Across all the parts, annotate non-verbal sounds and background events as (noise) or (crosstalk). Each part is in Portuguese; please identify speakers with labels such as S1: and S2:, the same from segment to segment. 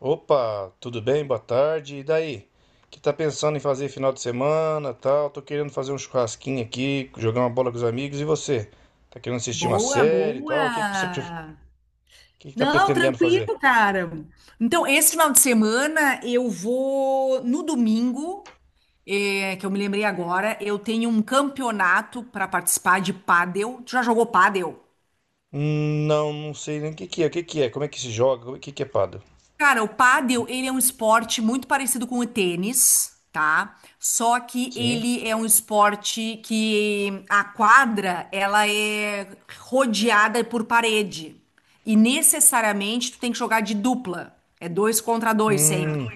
S1: Opa, tudo bem? Boa tarde. E daí? Que tá pensando em fazer final de semana, tal? Tô querendo fazer um churrasquinho aqui, jogar uma bola com os amigos. E você? Tá querendo assistir uma
S2: Boa,
S1: série, e tal? O
S2: boa.
S1: que que tá
S2: Não,
S1: pretendendo fazer?
S2: tranquilo, cara. Então, esse final de semana eu vou no domingo, que eu me lembrei agora, eu tenho um campeonato para participar de pádel. Tu já jogou pádel?
S1: Não, não sei nem o que que é. O que que é? Como é que se joga? O que que é pado?
S2: Cara, o pádel, ele é um esporte muito parecido com o tênis, tá? Só que
S1: Sim.
S2: ele é um esporte que a quadra, ela é rodeada por parede. E necessariamente tu tem que jogar de dupla. É dois contra dois sempre.
S1: Hum,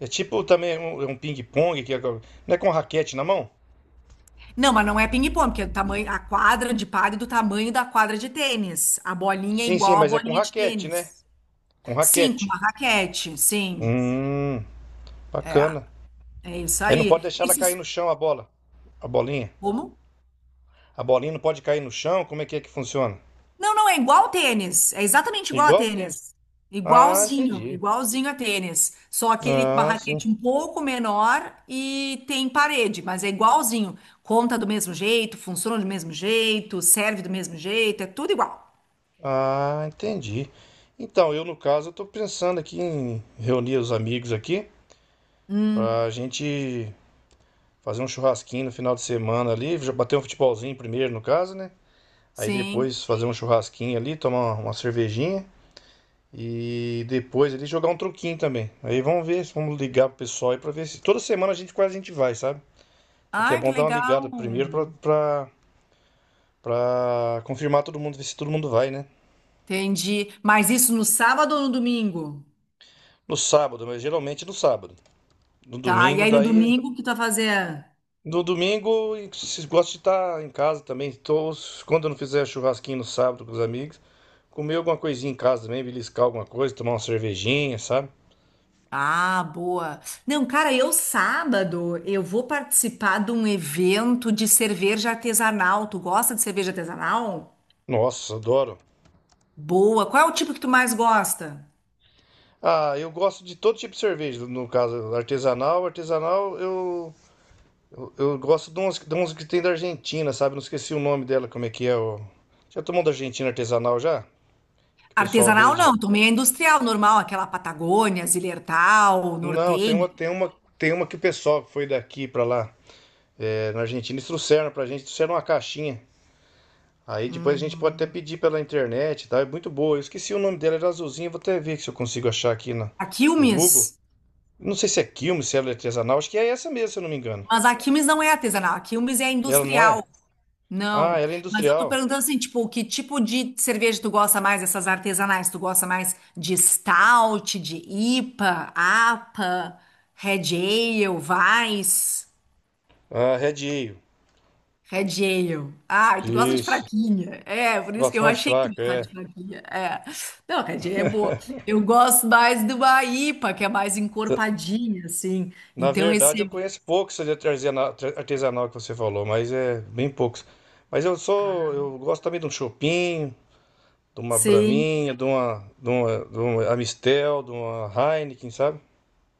S1: É tipo também um, é um ping-pong não é com raquete na mão?
S2: Não, mas não é ping-pong, porque é do tamanho, a quadra de pádel é do tamanho da quadra de tênis. A bolinha é
S1: Sim, sim,
S2: igual à
S1: mas é com
S2: bolinha de
S1: raquete, né?
S2: tênis.
S1: Com
S2: Sim, com
S1: raquete.
S2: uma raquete, sim.
S1: Hum,
S2: É,
S1: bacana.
S2: é isso
S1: Aí não pode
S2: aí.
S1: deixar ela cair no chão a bola, a bolinha.
S2: Como?
S1: A bolinha não pode cair no chão? Como é que funciona?
S2: Não, não, é igual tênis. É exatamente igual a
S1: Igual o tênis.
S2: tênis.
S1: Ah,
S2: Igualzinho,
S1: entendi.
S2: igualzinho a tênis. Só que ele com uma
S1: Ah, sim.
S2: raquete um pouco menor e tem parede, mas é igualzinho. Conta do mesmo jeito, funciona do mesmo jeito, serve do mesmo jeito, é tudo igual.
S1: Ah, entendi. Então, eu no caso, eu tô pensando aqui em reunir os amigos aqui pra
S2: Hum,
S1: gente fazer um churrasquinho no final de semana ali, já bater um futebolzinho primeiro no caso, né? Aí
S2: sim.
S1: depois fazer um churrasquinho ali, tomar uma cervejinha e depois ali jogar um truquinho também. Aí vamos ver, vamos ligar pro pessoal aí pra ver se toda semana a gente quase a gente vai, sabe? Só que é
S2: Ai, que
S1: bom dar uma ligada
S2: legal.
S1: primeiro pra confirmar todo mundo, ver se todo mundo vai, né?
S2: Entendi. Mas isso no sábado ou no domingo?
S1: No sábado, mas geralmente no sábado. No
S2: Tá, e
S1: domingo,
S2: aí no
S1: daí.
S2: domingo o que tu vai fazer?
S1: No domingo, gosto de estar em casa também. Tô, quando eu não fizer churrasquinho no sábado com os amigos, comer alguma coisinha em casa também, beliscar alguma coisa, tomar uma cervejinha, sabe?
S2: Ah, boa. Não, cara, eu sábado eu vou participar de um evento de cerveja artesanal. Tu gosta de cerveja artesanal?
S1: Nossa, adoro.
S2: Boa. Qual é o tipo que tu mais gosta?
S1: Ah, eu gosto de todo tipo de cerveja, no caso, artesanal. Artesanal, eu gosto de umas que tem da Argentina, sabe? Não esqueci o nome dela, como é que é. Já tomou da Argentina artesanal já? Que o pessoal
S2: Artesanal
S1: vende.
S2: não, tomei a industrial, normal, aquela Patagônia, Zillertal,
S1: Não, tem
S2: Nortenha.
S1: uma, tem uma, tem uma que o pessoal que foi daqui pra lá, é, na Argentina, eles trouxeram pra gente, trouxeram uma caixinha. Aí depois a gente pode até
S2: Hum.
S1: pedir pela internet, e tal, é muito boa. Eu esqueci o nome dela, era azulzinha, vou até ver se eu consigo achar aqui na,
S2: A
S1: no Google.
S2: Quilmes,
S1: Não sei se é quilme, se ela é artesanal, acho que é essa mesmo, se eu não me engano.
S2: mas a Quilmes não é artesanal, a Quilmes é
S1: Ela não é?
S2: industrial.
S1: Ah,
S2: Não,
S1: ela é
S2: mas eu tô
S1: industrial.
S2: perguntando assim, tipo, que tipo de cerveja tu gosta mais, essas artesanais? Tu gosta mais de stout, de IPA, APA, Red Ale, Weiss,
S1: Ah, Red Ale.
S2: Red Ale. Ah, tu gosta de
S1: Isso.
S2: fraquinha. É, por isso que
S1: Gosto
S2: eu
S1: mais
S2: achei que tu
S1: fraco,
S2: gostava
S1: é.
S2: de fraquinha. É. Não, Red Ale é boa. Eu gosto mais de uma IPA, que é mais encorpadinha, assim.
S1: Na
S2: Então
S1: verdade, eu
S2: esse,
S1: conheço poucos de artesanal que você falou, mas é bem poucos. Mas eu sou, eu gosto também de um chopinho, de uma
S2: sim.
S1: braminha, de uma Amistel, de uma Heineken, sabe?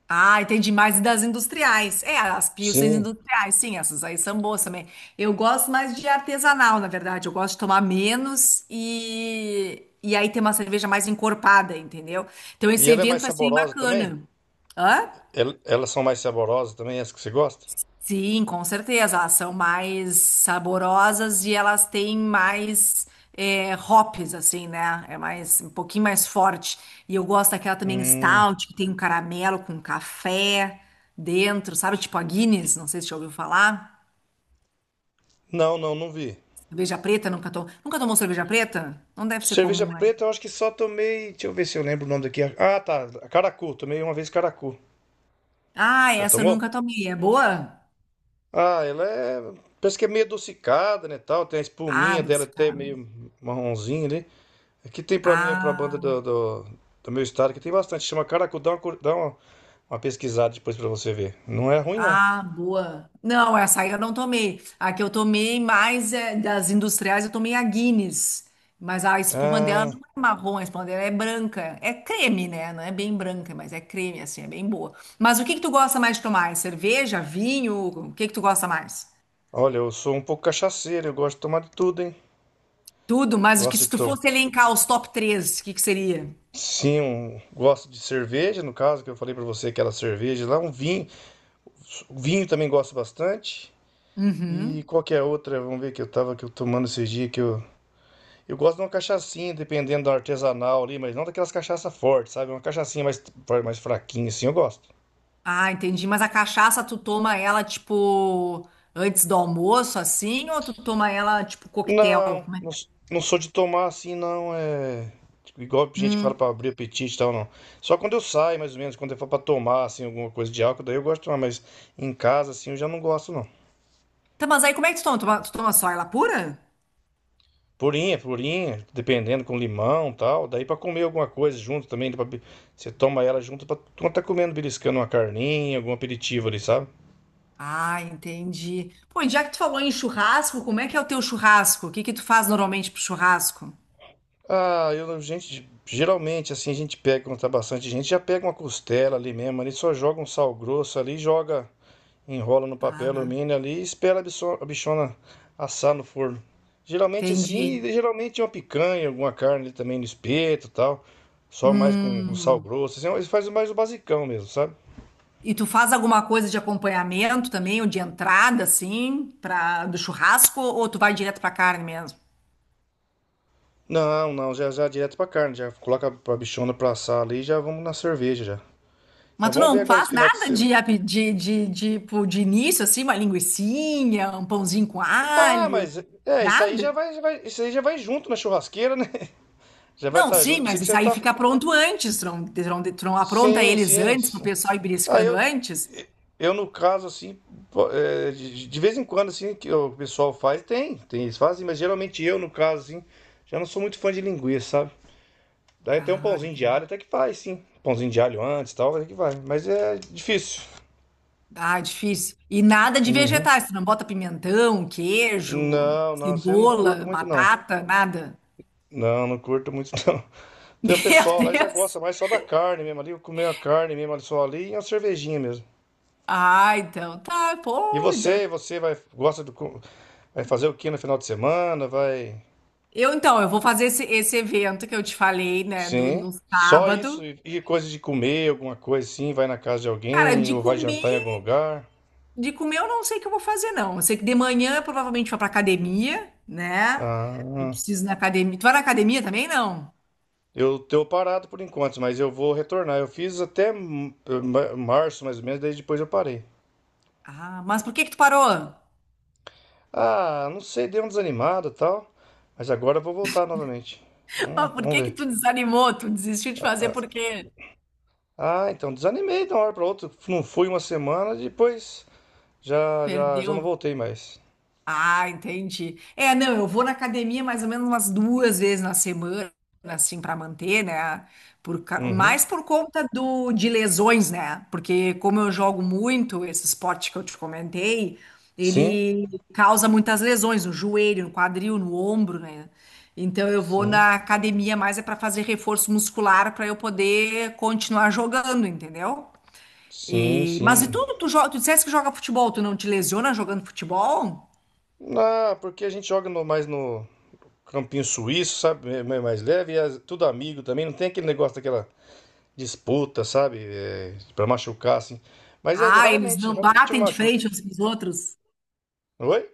S2: Ah, entendi mais das industriais. É, as pilsens
S1: Sim.
S2: industriais, sim, essas aí são boas também. Eu gosto mais de artesanal, na verdade. Eu gosto de tomar menos e aí ter uma cerveja mais encorpada, entendeu? Então
S1: E
S2: esse
S1: ela é
S2: evento
S1: mais
S2: vai ser
S1: saborosa também?
S2: bacana. Hã?
S1: Elas são mais saborosas também, as que você gosta?
S2: Sim, com certeza. Elas são mais saborosas e elas têm mais é, hops, assim, né? É mais um pouquinho mais forte. E eu gosto daquela também
S1: Hum,
S2: stout, que tem um caramelo com café dentro, sabe? Tipo a Guinness, não sei se você já ouviu falar.
S1: não, não, não vi.
S2: Cerveja preta, nunca tomou. Nunca tomou cerveja preta? Não deve ser
S1: Cerveja
S2: comum, né?
S1: preta, eu acho que só tomei. Deixa eu ver se eu lembro o nome daqui. Ah, tá. Caracu. Tomei uma vez Caracu.
S2: Ah,
S1: Já
S2: essa eu
S1: tomou?
S2: nunca tomei. É boa?
S1: Ah, ela é. Parece que é meio adocicada, né? Tal. Tem a
S2: Ah,
S1: espuminha dela
S2: dos
S1: até
S2: caras.
S1: meio marronzinha ali. Aqui tem pra mim, é pra banda
S2: Ah.
S1: do meu estado, que tem bastante. Chama Caracu, dá uma uma pesquisada depois pra você ver. Não é ruim, não.
S2: Ah, boa. Não, essa aí eu não tomei. A que eu tomei mais das industriais, eu tomei a Guinness. Mas a espuma dela
S1: Ah,
S2: não é marrom, a espuma dela é branca. É creme, né? Não é bem branca, mas é creme, assim, é bem boa. Mas o que que tu gosta mais de tomar? É cerveja, vinho? O que que tu gosta mais?
S1: olha, eu sou um pouco cachaceiro, eu gosto de tomar de tudo, hein?
S2: Tudo, mas o que
S1: Gosto
S2: se
S1: de
S2: tu
S1: tomar.
S2: fosse elencar os top três, o que que seria?
S1: Sim, gosto de cerveja, no caso, que eu falei pra você, aquela cerveja lá, um vinho. Vinho também gosto bastante. E
S2: Uhum.
S1: qual que é a outra? Vamos ver que eu tava que eu tomando esses dias que eu. Eu gosto de uma cachaçinha, dependendo da artesanal ali, mas não daquelas cachaças fortes, sabe? Uma cachaçinha mais, mais fraquinha, assim, eu gosto.
S2: Ah, entendi. Mas a cachaça, tu toma ela, tipo, antes do almoço, assim? Ou tu toma ela, tipo, coquetel?
S1: Não,
S2: Como é?
S1: não, não sou de tomar assim, não. É, tipo, igual gente que fala
S2: Hum.
S1: pra abrir apetite e tal, não. Só quando eu saio, mais ou menos, quando eu for pra tomar, assim, alguma coisa de álcool, daí eu gosto de tomar, mas em casa, assim, eu já não gosto, não.
S2: Tá, mas aí como é que tu toma? Tu toma só ela pura?
S1: Purinha, purinha, dependendo, com limão e tal. Daí pra comer alguma coisa junto também, você toma ela junto pra quando tá comendo, beliscando uma carninha, algum aperitivo ali, sabe?
S2: Ah, entendi. Pô, e já que tu falou em churrasco, como é que é o teu churrasco? O que que tu faz normalmente pro churrasco?
S1: Ah, eu, gente, geralmente assim a gente pega, quando tá bastante gente, já pega uma costela ali mesmo, ali só joga um sal grosso ali, joga, enrola no papel
S2: Ah,
S1: alumínio ali e espera a bichona assar no forno. Geralmente assim,
S2: entendi.
S1: e geralmente uma picanha, alguma carne ali também no espeto e tal, só mais com sal
S2: Hum.
S1: grosso, assim, eles fazem mais o basicão mesmo, sabe?
S2: E tu faz alguma coisa de acompanhamento também, ou de entrada, assim, pra, do churrasco, ou tu vai direto pra carne mesmo?
S1: Não, não, já já direto pra carne, já coloca pra bichona pra assar ali e já vamos na cerveja já.
S2: Mas
S1: Então
S2: tu
S1: vamos ver
S2: não
S1: agora
S2: faz
S1: esse final de
S2: nada
S1: semana.
S2: de, ape- de, pô, de início, assim, uma linguicinha, um pãozinho com
S1: Ah,
S2: alho,
S1: mas é,
S2: nada?
S1: isso aí já vai junto na churrasqueira, né? (laughs) Já vai
S2: Não,
S1: estar junto.
S2: sim,
S1: Eu pensei
S2: mas
S1: que
S2: isso
S1: você
S2: aí
S1: tá.
S2: fica pronto antes. Tron, tron, tron, apronta
S1: Sim,
S2: eles
S1: sim,
S2: antes pro
S1: sim.
S2: pessoal ir
S1: Ah,
S2: beliscando antes.
S1: eu no caso, assim, pô, é, de vez em quando, assim, que o pessoal faz, tem, eles fazem, mas geralmente eu, no caso, assim, já não sou muito fã de linguiça, sabe? Daí tem um
S2: Ah,
S1: pãozinho de alho,
S2: entendi.
S1: até que faz, sim. Pãozinho de alho antes e tal, até que vai. Mas é difícil.
S2: Ah, difícil. E nada de
S1: Uhum.
S2: vegetais. Tu não bota pimentão, queijo,
S1: Não, não, isso eu não curto
S2: cebola,
S1: muito, não.
S2: batata, nada.
S1: Não, não curto muito, (laughs) não.
S2: (laughs)
S1: Tem o
S2: Meu
S1: pessoal lá já
S2: Deus.
S1: gosta mais só da carne mesmo ali, comer a carne mesmo ali só ali e uma cervejinha mesmo.
S2: Ah, então tá.
S1: E
S2: Pô, então.
S1: você, você vai gosta do co- vai fazer o que no final de semana, vai
S2: Então, eu vou fazer esse evento que eu te falei, né, do,
S1: sim,
S2: no
S1: só isso
S2: sábado.
S1: e coisa de comer, alguma coisa assim, vai na casa de
S2: Cara,
S1: alguém
S2: de
S1: ou vai
S2: comer.
S1: jantar em algum lugar.
S2: De comer eu não sei o que eu vou fazer, não. Eu sei que de manhã eu provavelmente vou pra academia, né? Eu
S1: Ah,
S2: preciso ir na academia. Tu vai na academia também, não?
S1: eu tô parado por enquanto, mas eu vou retornar. Eu fiz até março mais ou menos, daí depois eu parei.
S2: Ah, mas por que que tu parou?
S1: Ah, não sei, deu um desanimado e tal, mas agora eu vou voltar novamente.
S2: (laughs) Por
S1: Vamos
S2: que que
S1: ver.
S2: tu desanimou? Tu desistiu de fazer por quê?
S1: Ah, então desanimei de uma hora para outra. Não fui uma semana, depois já não
S2: Perdeu.
S1: voltei mais.
S2: Ah, entendi. É, não, eu vou na academia mais ou menos umas duas vezes na semana, assim, para manter, né?
S1: Uhum.
S2: Mais por conta de lesões, né? Porque como eu jogo muito esse esporte que eu te comentei,
S1: Sim,
S2: ele causa muitas lesões no joelho, no quadril, no ombro, né? Então eu vou
S1: sim,
S2: na academia mais é para fazer reforço muscular para eu poder continuar jogando, entendeu?
S1: sim,
S2: E, mas e
S1: sim.
S2: tu, tu, jo- tu disseste que joga futebol, tu não te lesiona jogando futebol?
S1: Ah, porque a gente joga mais no campinho suíço, sabe? É mais leve, tudo amigo também. Não tem aquele negócio daquela disputa, sabe? É, para machucar, assim. Mas é
S2: Ah, eles
S1: raramente,
S2: não
S1: raramente me
S2: batem de
S1: machuca.
S2: frente uns com os outros?
S1: Oi?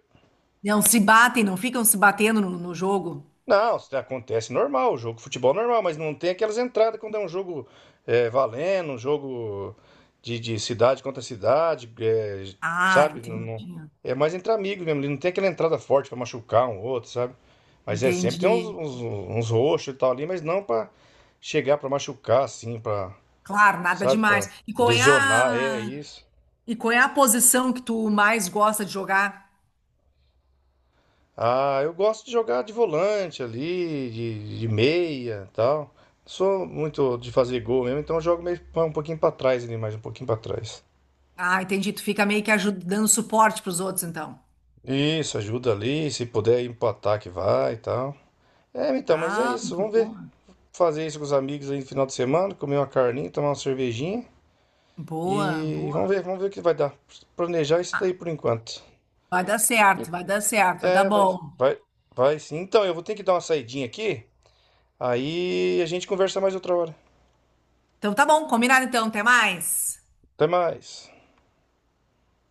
S2: Não se batem, não ficam se batendo no jogo.
S1: Não, isso acontece normal, jogo de futebol é normal, mas não tem aquelas entradas quando é um jogo é, valendo, um jogo de cidade contra cidade, é,
S2: Ah,
S1: sabe?
S2: entendi.
S1: É mais entre amigos mesmo, ele não tem aquela entrada forte pra machucar um outro, sabe? Mas é sempre tem uns,
S2: Entendi.
S1: uns, uns roxos e tal ali, mas não pra chegar pra machucar assim, pra,
S2: Claro, nada
S1: sabe? Pra
S2: demais.
S1: lesionar, é isso.
S2: E qual é a posição que tu mais gosta de jogar?
S1: Ah, eu gosto de jogar de volante ali, de meia tal. Sou muito de fazer gol mesmo, então eu jogo um pouquinho pra trás ali, mais um pouquinho pra trás.
S2: Ah, entendi. Tu fica meio que ajudando, dando suporte pros outros, então.
S1: Isso, ajuda ali, se puder ir pro ataque vai e tal. É, então, mas é
S2: Ah,
S1: isso, vamos ver.
S2: boa.
S1: Fazer isso com os amigos aí no final de semana, comer uma carninha, tomar uma cervejinha
S2: Boa,
S1: e
S2: boa.
S1: vamos ver o que vai dar. Planejar isso
S2: Ah,
S1: daí por enquanto.
S2: vai dar
S1: E-
S2: certo, vai dar certo, vai dar
S1: É, vai,
S2: bom.
S1: vai, vai sim. Então, eu vou ter que dar uma saidinha aqui, aí a gente conversa mais outra hora.
S2: Então tá bom, combinado então, até mais.
S1: Até mais.